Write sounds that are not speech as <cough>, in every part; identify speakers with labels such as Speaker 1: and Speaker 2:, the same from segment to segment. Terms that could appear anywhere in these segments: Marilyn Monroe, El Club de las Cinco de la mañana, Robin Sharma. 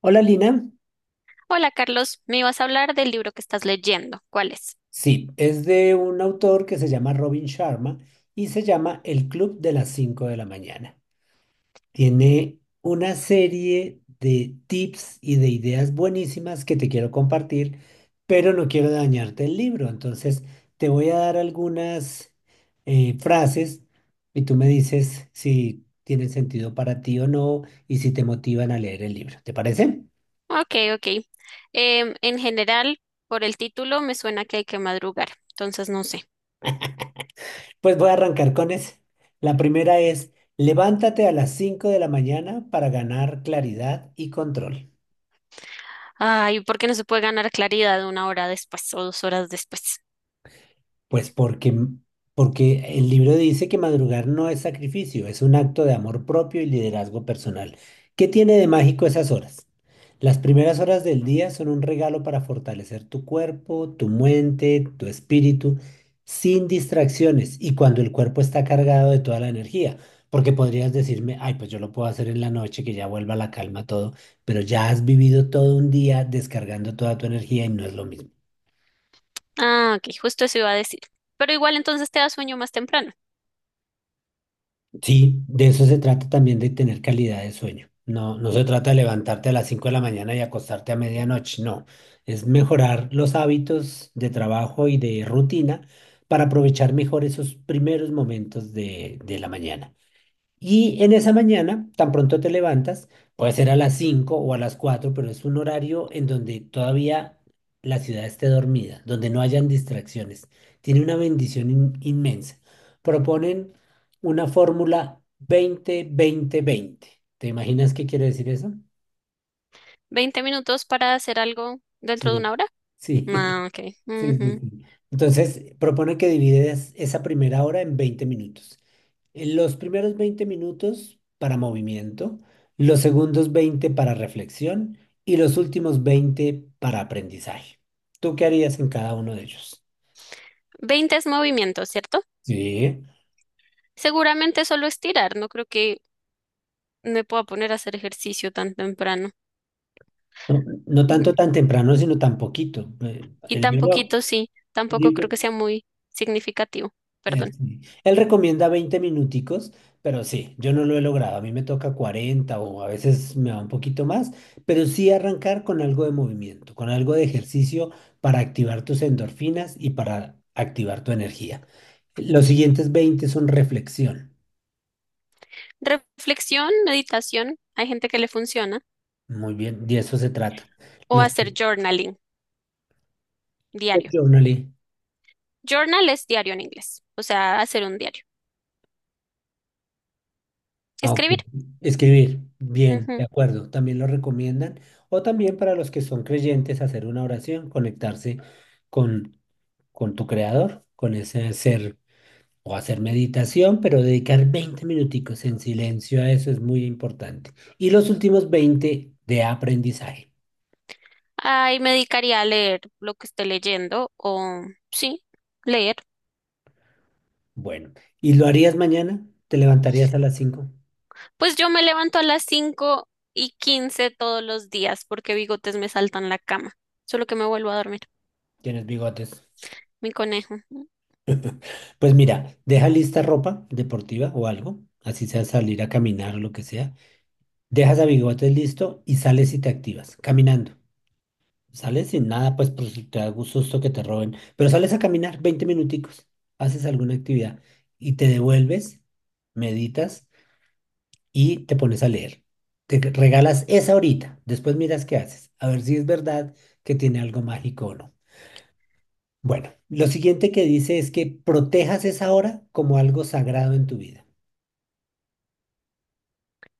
Speaker 1: Hola Lina.
Speaker 2: Hola Carlos, me ibas a hablar del libro que estás leyendo. ¿Cuál es?
Speaker 1: Sí, es de un autor que se llama Robin Sharma y se llama El Club de las Cinco de la mañana. Tiene una serie de tips y de ideas buenísimas que te quiero compartir, pero no quiero dañarte el libro. Entonces, te voy a dar algunas frases y tú me dices si tienen sentido para ti o no y si te motivan a leer el libro. ¿Te parece?
Speaker 2: Ok, ok. En general, por el título me suena que hay que madrugar, entonces no sé.
Speaker 1: Pues voy a arrancar con ese. La primera es: levántate a las 5 de la mañana para ganar claridad y control.
Speaker 2: Ay, ¿por qué no se puede ganar claridad una hora después o dos horas después?
Speaker 1: Pues porque el libro dice que madrugar no es sacrificio, es un acto de amor propio y liderazgo personal. ¿Qué tiene de mágico esas horas? Las primeras horas del día son un regalo para fortalecer tu cuerpo, tu mente, tu espíritu, sin distracciones y cuando el cuerpo está cargado de toda la energía. Porque podrías decirme: ay, pues yo lo puedo hacer en la noche, que ya vuelva la calma todo, pero ya has vivido todo un día descargando toda tu energía y no es lo mismo.
Speaker 2: Ah, ok, justo eso iba a decir. Pero igual entonces te da sueño más temprano.
Speaker 1: Sí, de eso se trata también, de tener calidad de sueño. No, no se trata de levantarte a las 5 de la mañana y acostarte a medianoche, no. Es mejorar los hábitos de trabajo y de rutina para aprovechar mejor esos primeros momentos de la mañana. Y en esa mañana, tan pronto te levantas, puede ser a las 5 o a las 4, pero es un horario en donde todavía la ciudad esté dormida, donde no hayan distracciones. Tiene una bendición inmensa. Proponen una fórmula 20-20-20. ¿Te imaginas qué quiere decir eso?
Speaker 2: ¿Veinte minutos para hacer algo dentro de
Speaker 1: Sí,
Speaker 2: una hora?
Speaker 1: sí. <laughs>
Speaker 2: Ah, ok.
Speaker 1: Sí, sí,
Speaker 2: Ujú.
Speaker 1: sí. Entonces, propone que divides esa primera hora en 20 minutos. En Los primeros 20 minutos para movimiento, los segundos 20 para reflexión y los últimos 20 para aprendizaje. ¿Tú qué harías en cada uno de ellos?
Speaker 2: 20 es movimiento, ¿cierto?
Speaker 1: Sí.
Speaker 2: Seguramente solo estirar, no creo que me puedo poner a hacer ejercicio tan temprano.
Speaker 1: No, no
Speaker 2: Ujú.
Speaker 1: tanto tan temprano, sino tan poquito.
Speaker 2: Y tan poquito, sí,
Speaker 1: El
Speaker 2: tampoco
Speaker 1: libro,
Speaker 2: creo que sea muy significativo. Perdón.
Speaker 1: Sí. él recomienda 20 minuticos, pero sí, yo no lo he logrado. A mí me toca 40 o a veces me va un poquito más, pero sí arrancar con algo de movimiento, con algo de ejercicio para activar tus endorfinas y para activar tu energía. Los siguientes 20 son reflexión.
Speaker 2: Reflexión, meditación, hay gente que le funciona.
Speaker 1: Muy bien, de eso se trata.
Speaker 2: O
Speaker 1: Los
Speaker 2: hacer journaling, diario.
Speaker 1: Journaling,
Speaker 2: Journal es diario en inglés, o sea, hacer un diario.
Speaker 1: ah, ok.
Speaker 2: Escribir.
Speaker 1: Escribir, bien, de
Speaker 2: Ujú.
Speaker 1: acuerdo, también lo recomiendan. O también para los que son creyentes, hacer una oración, conectarse con con tu creador, con ese ser, o hacer meditación, pero dedicar 20 minuticos en silencio a eso es muy importante. Y los últimos 20 de aprendizaje.
Speaker 2: Ay, me dedicaría a leer lo que esté leyendo o sí, leer.
Speaker 1: Bueno, ¿y lo harías mañana? ¿Te levantarías a las 5?
Speaker 2: Pues yo me levanto a las 5:15 todos los días porque bigotes me saltan la cama. Solo que me vuelvo a dormir,
Speaker 1: ¿Tienes bigotes?
Speaker 2: mi conejo.
Speaker 1: Pues mira, deja lista ropa deportiva o algo, así sea salir a caminar o lo que sea. Dejas a bigotes listo y sales y te activas caminando. Sales sin nada, pues, por si te da gusto que te roben, pero sales a caminar 20 minuticos, haces alguna actividad y te devuelves, meditas y te pones a leer. Te regalas esa horita, después miras qué haces, a ver si es verdad que tiene algo mágico o no. Bueno, lo siguiente que dice es que protejas esa hora como algo sagrado en tu vida.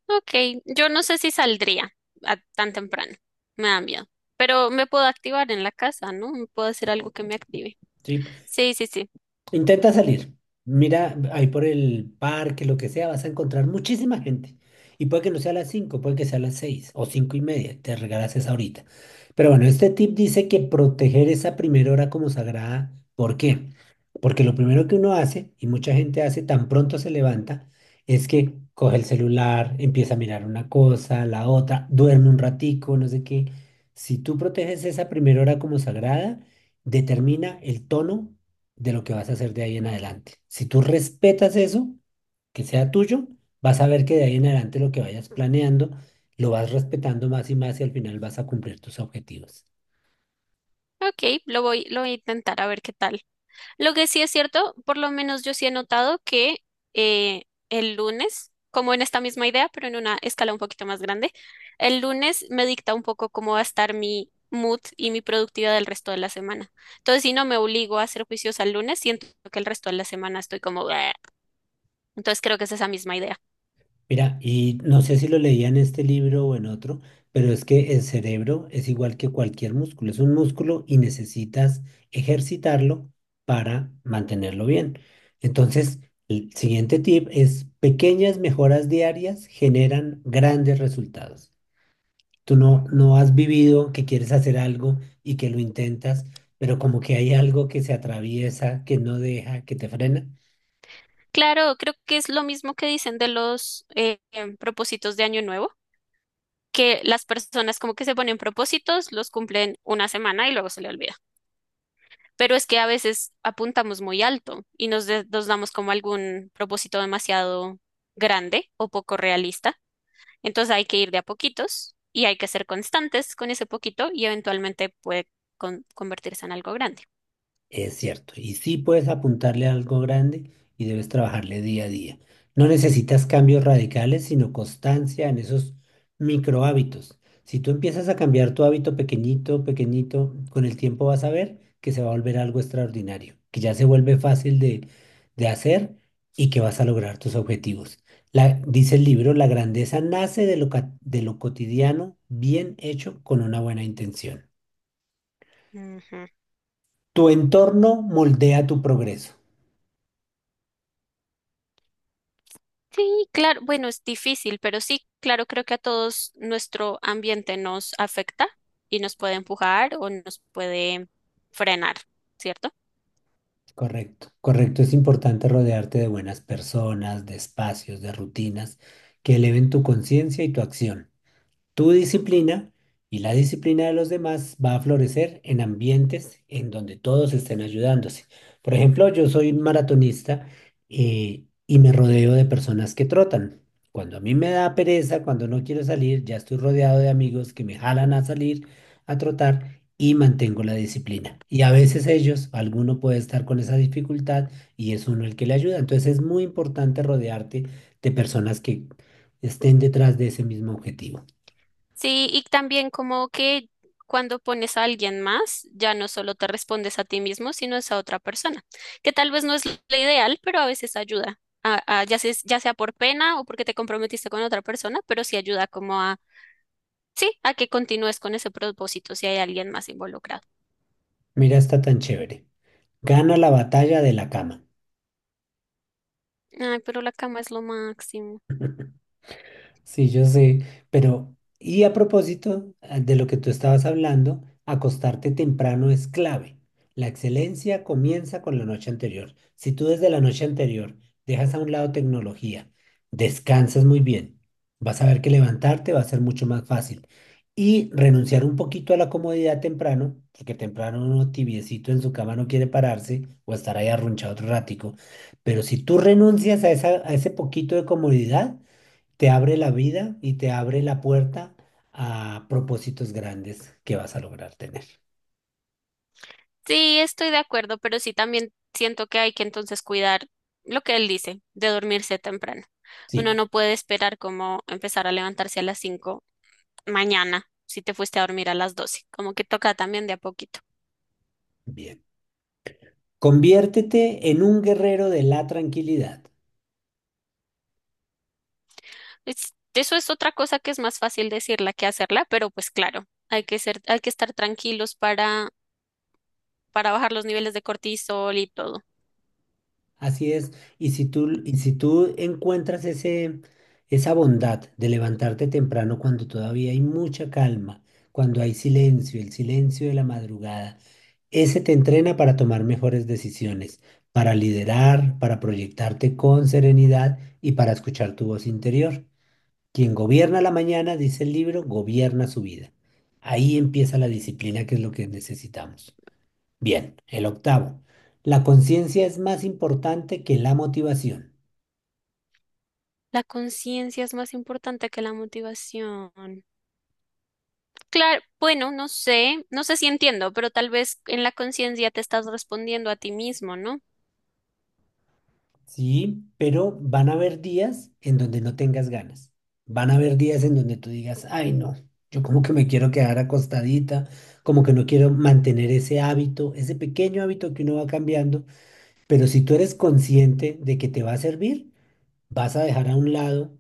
Speaker 2: Ok, yo no sé si saldría a tan temprano, me da miedo, pero me puedo activar en la casa, ¿no? Me puedo hacer algo que me active.
Speaker 1: ¿Sí?
Speaker 2: Sí, sí, sí.
Speaker 1: Intenta salir. Mira, ahí por el parque, lo que sea, vas a encontrar muchísima gente. Y puede que no sea a las 5, puede que sea a las 6 o 5:30. Te regalas esa horita. Pero bueno, este tip dice que proteger esa primera hora como sagrada. ¿Por qué? Porque lo primero que uno hace, y mucha gente hace tan pronto se levanta, es que coge el celular, empieza a mirar una cosa, la otra, duerme un ratico, no sé qué. Si tú proteges esa primera hora como sagrada, determina el tono de lo que vas a hacer de ahí en adelante. Si tú respetas eso, que sea tuyo, vas a ver que de ahí en adelante lo que vayas planeando, lo vas respetando más y más y al final vas a cumplir tus objetivos.
Speaker 2: Ok, lo voy a intentar a ver qué tal. Lo que sí es cierto, por lo menos yo sí he notado que eh, el lunes, como en esta misma idea, pero en una escala un poquito más grande, el lunes me dicta un poco cómo va a estar mi mood y mi productividad del resto de la semana. Entonces, si no me obligo a ser juiciosa el lunes, siento que el resto de la semana estoy como... "Bleh". Entonces creo que es esa misma idea.
Speaker 1: Mira, y no sé si lo leía en este libro o en otro, pero es que el cerebro es igual que cualquier músculo, es un músculo y necesitas ejercitarlo para mantenerlo bien. Entonces, el siguiente tip es: pequeñas mejoras diarias generan grandes resultados. Tú no has vivido que quieres hacer algo y que lo intentas, pero como que hay algo que se atraviesa, que no deja, que te frena.
Speaker 2: Claro, creo que es lo mismo que dicen de los propósitos de Año Nuevo, que las personas como que se ponen propósitos, los cumplen una semana y luego se le olvida. Pero es que a veces apuntamos muy alto y nos damos como algún propósito demasiado grande o poco realista. Entonces hay que ir de a poquitos y hay que ser constantes con ese poquito y eventualmente puede convertirse en algo grande.
Speaker 1: Es cierto, y sí puedes apuntarle a algo grande y debes trabajarle día a día. No necesitas cambios radicales, sino constancia en esos micro hábitos. Si tú empiezas a cambiar tu hábito pequeñito, pequeñito, con el tiempo vas a ver que se va a volver algo extraordinario, que ya se vuelve fácil de hacer y que vas a lograr tus objetivos. Dice el libro: la grandeza nace de lo cotidiano bien hecho con una buena intención.
Speaker 2: Ujú.
Speaker 1: Tu entorno moldea tu progreso.
Speaker 2: Sí, claro, bueno, es difícil, pero sí, claro, creo que a todos nuestro ambiente nos afecta y nos puede empujar o nos puede frenar, ¿cierto?
Speaker 1: Correcto, correcto. Es importante rodearte de buenas personas, de espacios, de rutinas que eleven tu conciencia y tu acción. Tu disciplina y la disciplina de los demás va a florecer en ambientes en donde todos estén ayudándose. Por ejemplo, yo soy un maratonista y me rodeo de personas que trotan. Cuando a mí me da pereza, cuando no quiero salir, ya estoy rodeado de amigos que me jalan a salir a trotar y mantengo la disciplina. Y a veces ellos, alguno puede estar con esa dificultad y es uno el que le ayuda. Entonces es muy importante rodearte de personas que estén detrás de ese mismo objetivo.
Speaker 2: Sí, y también como que cuando pones a alguien más, ya no solo te respondes a ti mismo, sino es a otra persona, que tal vez no es lo ideal, pero a veces ayuda, ya sea por pena o porque te comprometiste con otra persona, pero sí ayuda como a, sí, a que continúes con ese propósito si hay alguien más involucrado.
Speaker 1: Mira, está tan chévere. Gana la batalla de la cama.
Speaker 2: Ay, pero la cama es lo máximo.
Speaker 1: Sí, yo sé, pero, y a propósito de lo que tú estabas hablando, acostarte temprano es clave. La excelencia comienza con la noche anterior. Si tú desde la noche anterior dejas a un lado tecnología, descansas muy bien, vas a ver que levantarte va a ser mucho más fácil. Y renunciar un poquito a la comodidad temprano, porque temprano uno tibiecito en su cama no quiere pararse o estar ahí arrunchado otro ratico. Pero si tú renuncias a ese poquito de comodidad, te abre la vida y te abre la puerta a propósitos grandes que vas a lograr tener.
Speaker 2: Sí, estoy de acuerdo, pero sí también siento que hay que entonces cuidar lo que él dice, de dormirse temprano.
Speaker 1: Sí,
Speaker 2: Uno no puede esperar como empezar a levantarse a las 5 mañana si te fuiste a dormir a las 12. Como que toca también de a poquito.
Speaker 1: bien. Conviértete en un guerrero de la tranquilidad.
Speaker 2: Eso es otra cosa que es más fácil decirla que hacerla, pero pues claro, hay que ser, hay que estar tranquilos para bajar los niveles de cortisol y todo.
Speaker 1: Así es. Y si tú encuentras esa bondad de levantarte temprano cuando todavía hay mucha calma, cuando hay silencio, el silencio de la madrugada, ese te entrena para tomar mejores decisiones, para liderar, para proyectarte con serenidad y para escuchar tu voz interior. Quien gobierna la mañana, dice el libro, gobierna su vida. Ahí empieza la disciplina, que es lo que necesitamos. Bien, el octavo: la conciencia es más importante que la motivación.
Speaker 2: La conciencia es más importante que la motivación. Claro, bueno, no sé, no sé si entiendo, pero tal vez en la conciencia te estás respondiendo a ti mismo, ¿no?
Speaker 1: ¿Sí? Pero van a haber días en donde no tengas ganas. Van a haber días en donde tú digas: ay, no, yo como que me quiero quedar acostadita, como que no quiero mantener ese hábito, ese pequeño hábito que uno va cambiando. Pero si tú eres consciente de que te va a servir, vas a dejar a un lado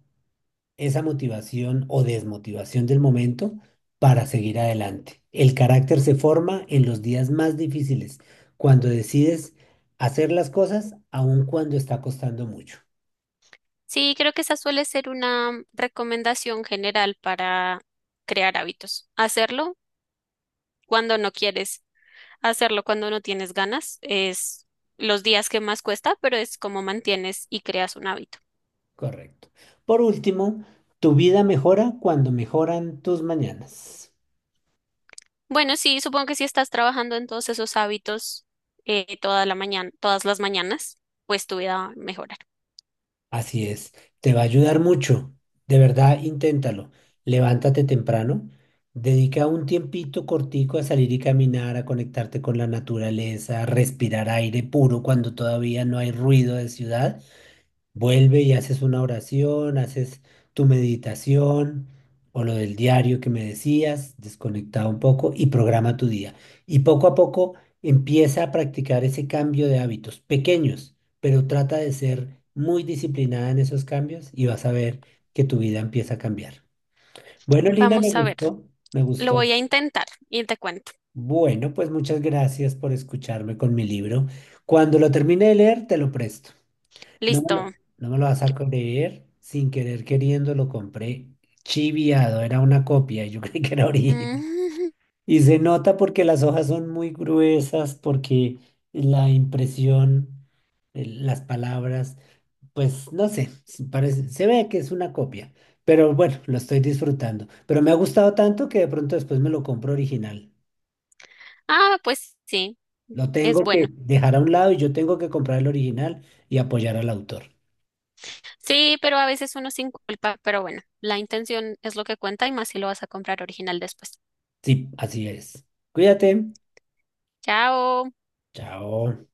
Speaker 1: esa motivación o desmotivación del momento para seguir adelante. El carácter se forma en los días más difíciles, cuando decides hacer las cosas, aun cuando está costando mucho.
Speaker 2: Sí, creo que esa suele ser una recomendación general para crear hábitos. Hacerlo cuando no quieres, hacerlo cuando no tienes ganas, es los días que más cuesta, pero es como mantienes y creas un hábito.
Speaker 1: Correcto. Por último, tu vida mejora cuando mejoran tus mañanas.
Speaker 2: Bueno, sí, supongo que si estás trabajando en todos esos hábitos toda la mañana, todas las mañanas, pues tu vida va a mejorar.
Speaker 1: Así es, te va a ayudar mucho. De verdad, inténtalo. Levántate temprano, dedica un tiempito cortico a salir y caminar, a conectarte con la naturaleza, a respirar aire puro cuando todavía no hay ruido de ciudad. Vuelve y haces una oración, haces tu meditación o lo del diario que me decías, desconectado un poco y programa tu día. Y poco a poco empieza a practicar ese cambio de hábitos pequeños, pero trata de ser muy disciplinada en esos cambios y vas a ver que tu vida empieza a cambiar. Bueno, Lina, me
Speaker 2: Vamos a ver,
Speaker 1: gustó, me
Speaker 2: lo
Speaker 1: gustó.
Speaker 2: voy a intentar y te cuento.
Speaker 1: Bueno, pues muchas gracias por escucharme con mi libro. Cuando lo termine de leer, te lo presto. No me lo,
Speaker 2: Listo.
Speaker 1: no me lo vas a creer. Sin querer queriendo lo compré chiviado. Era una copia. Yo <laughs> creí que era original.
Speaker 2: Mm, <laughs>
Speaker 1: Y se nota porque las hojas son muy gruesas, porque la impresión, las palabras, pues no sé, se parece, se ve que es una copia. Pero bueno, lo estoy disfrutando. Pero me ha gustado tanto que de pronto después me lo compro original.
Speaker 2: Ah, pues sí,
Speaker 1: Lo
Speaker 2: es
Speaker 1: tengo que
Speaker 2: bueno.
Speaker 1: dejar a un lado y yo tengo que comprar el original y apoyar al autor.
Speaker 2: Sí, pero a veces uno sin culpa, pero bueno, la intención es lo que cuenta y más si lo vas a comprar original después.
Speaker 1: Sí, así es. Cuídate.
Speaker 2: Chao.
Speaker 1: Chao.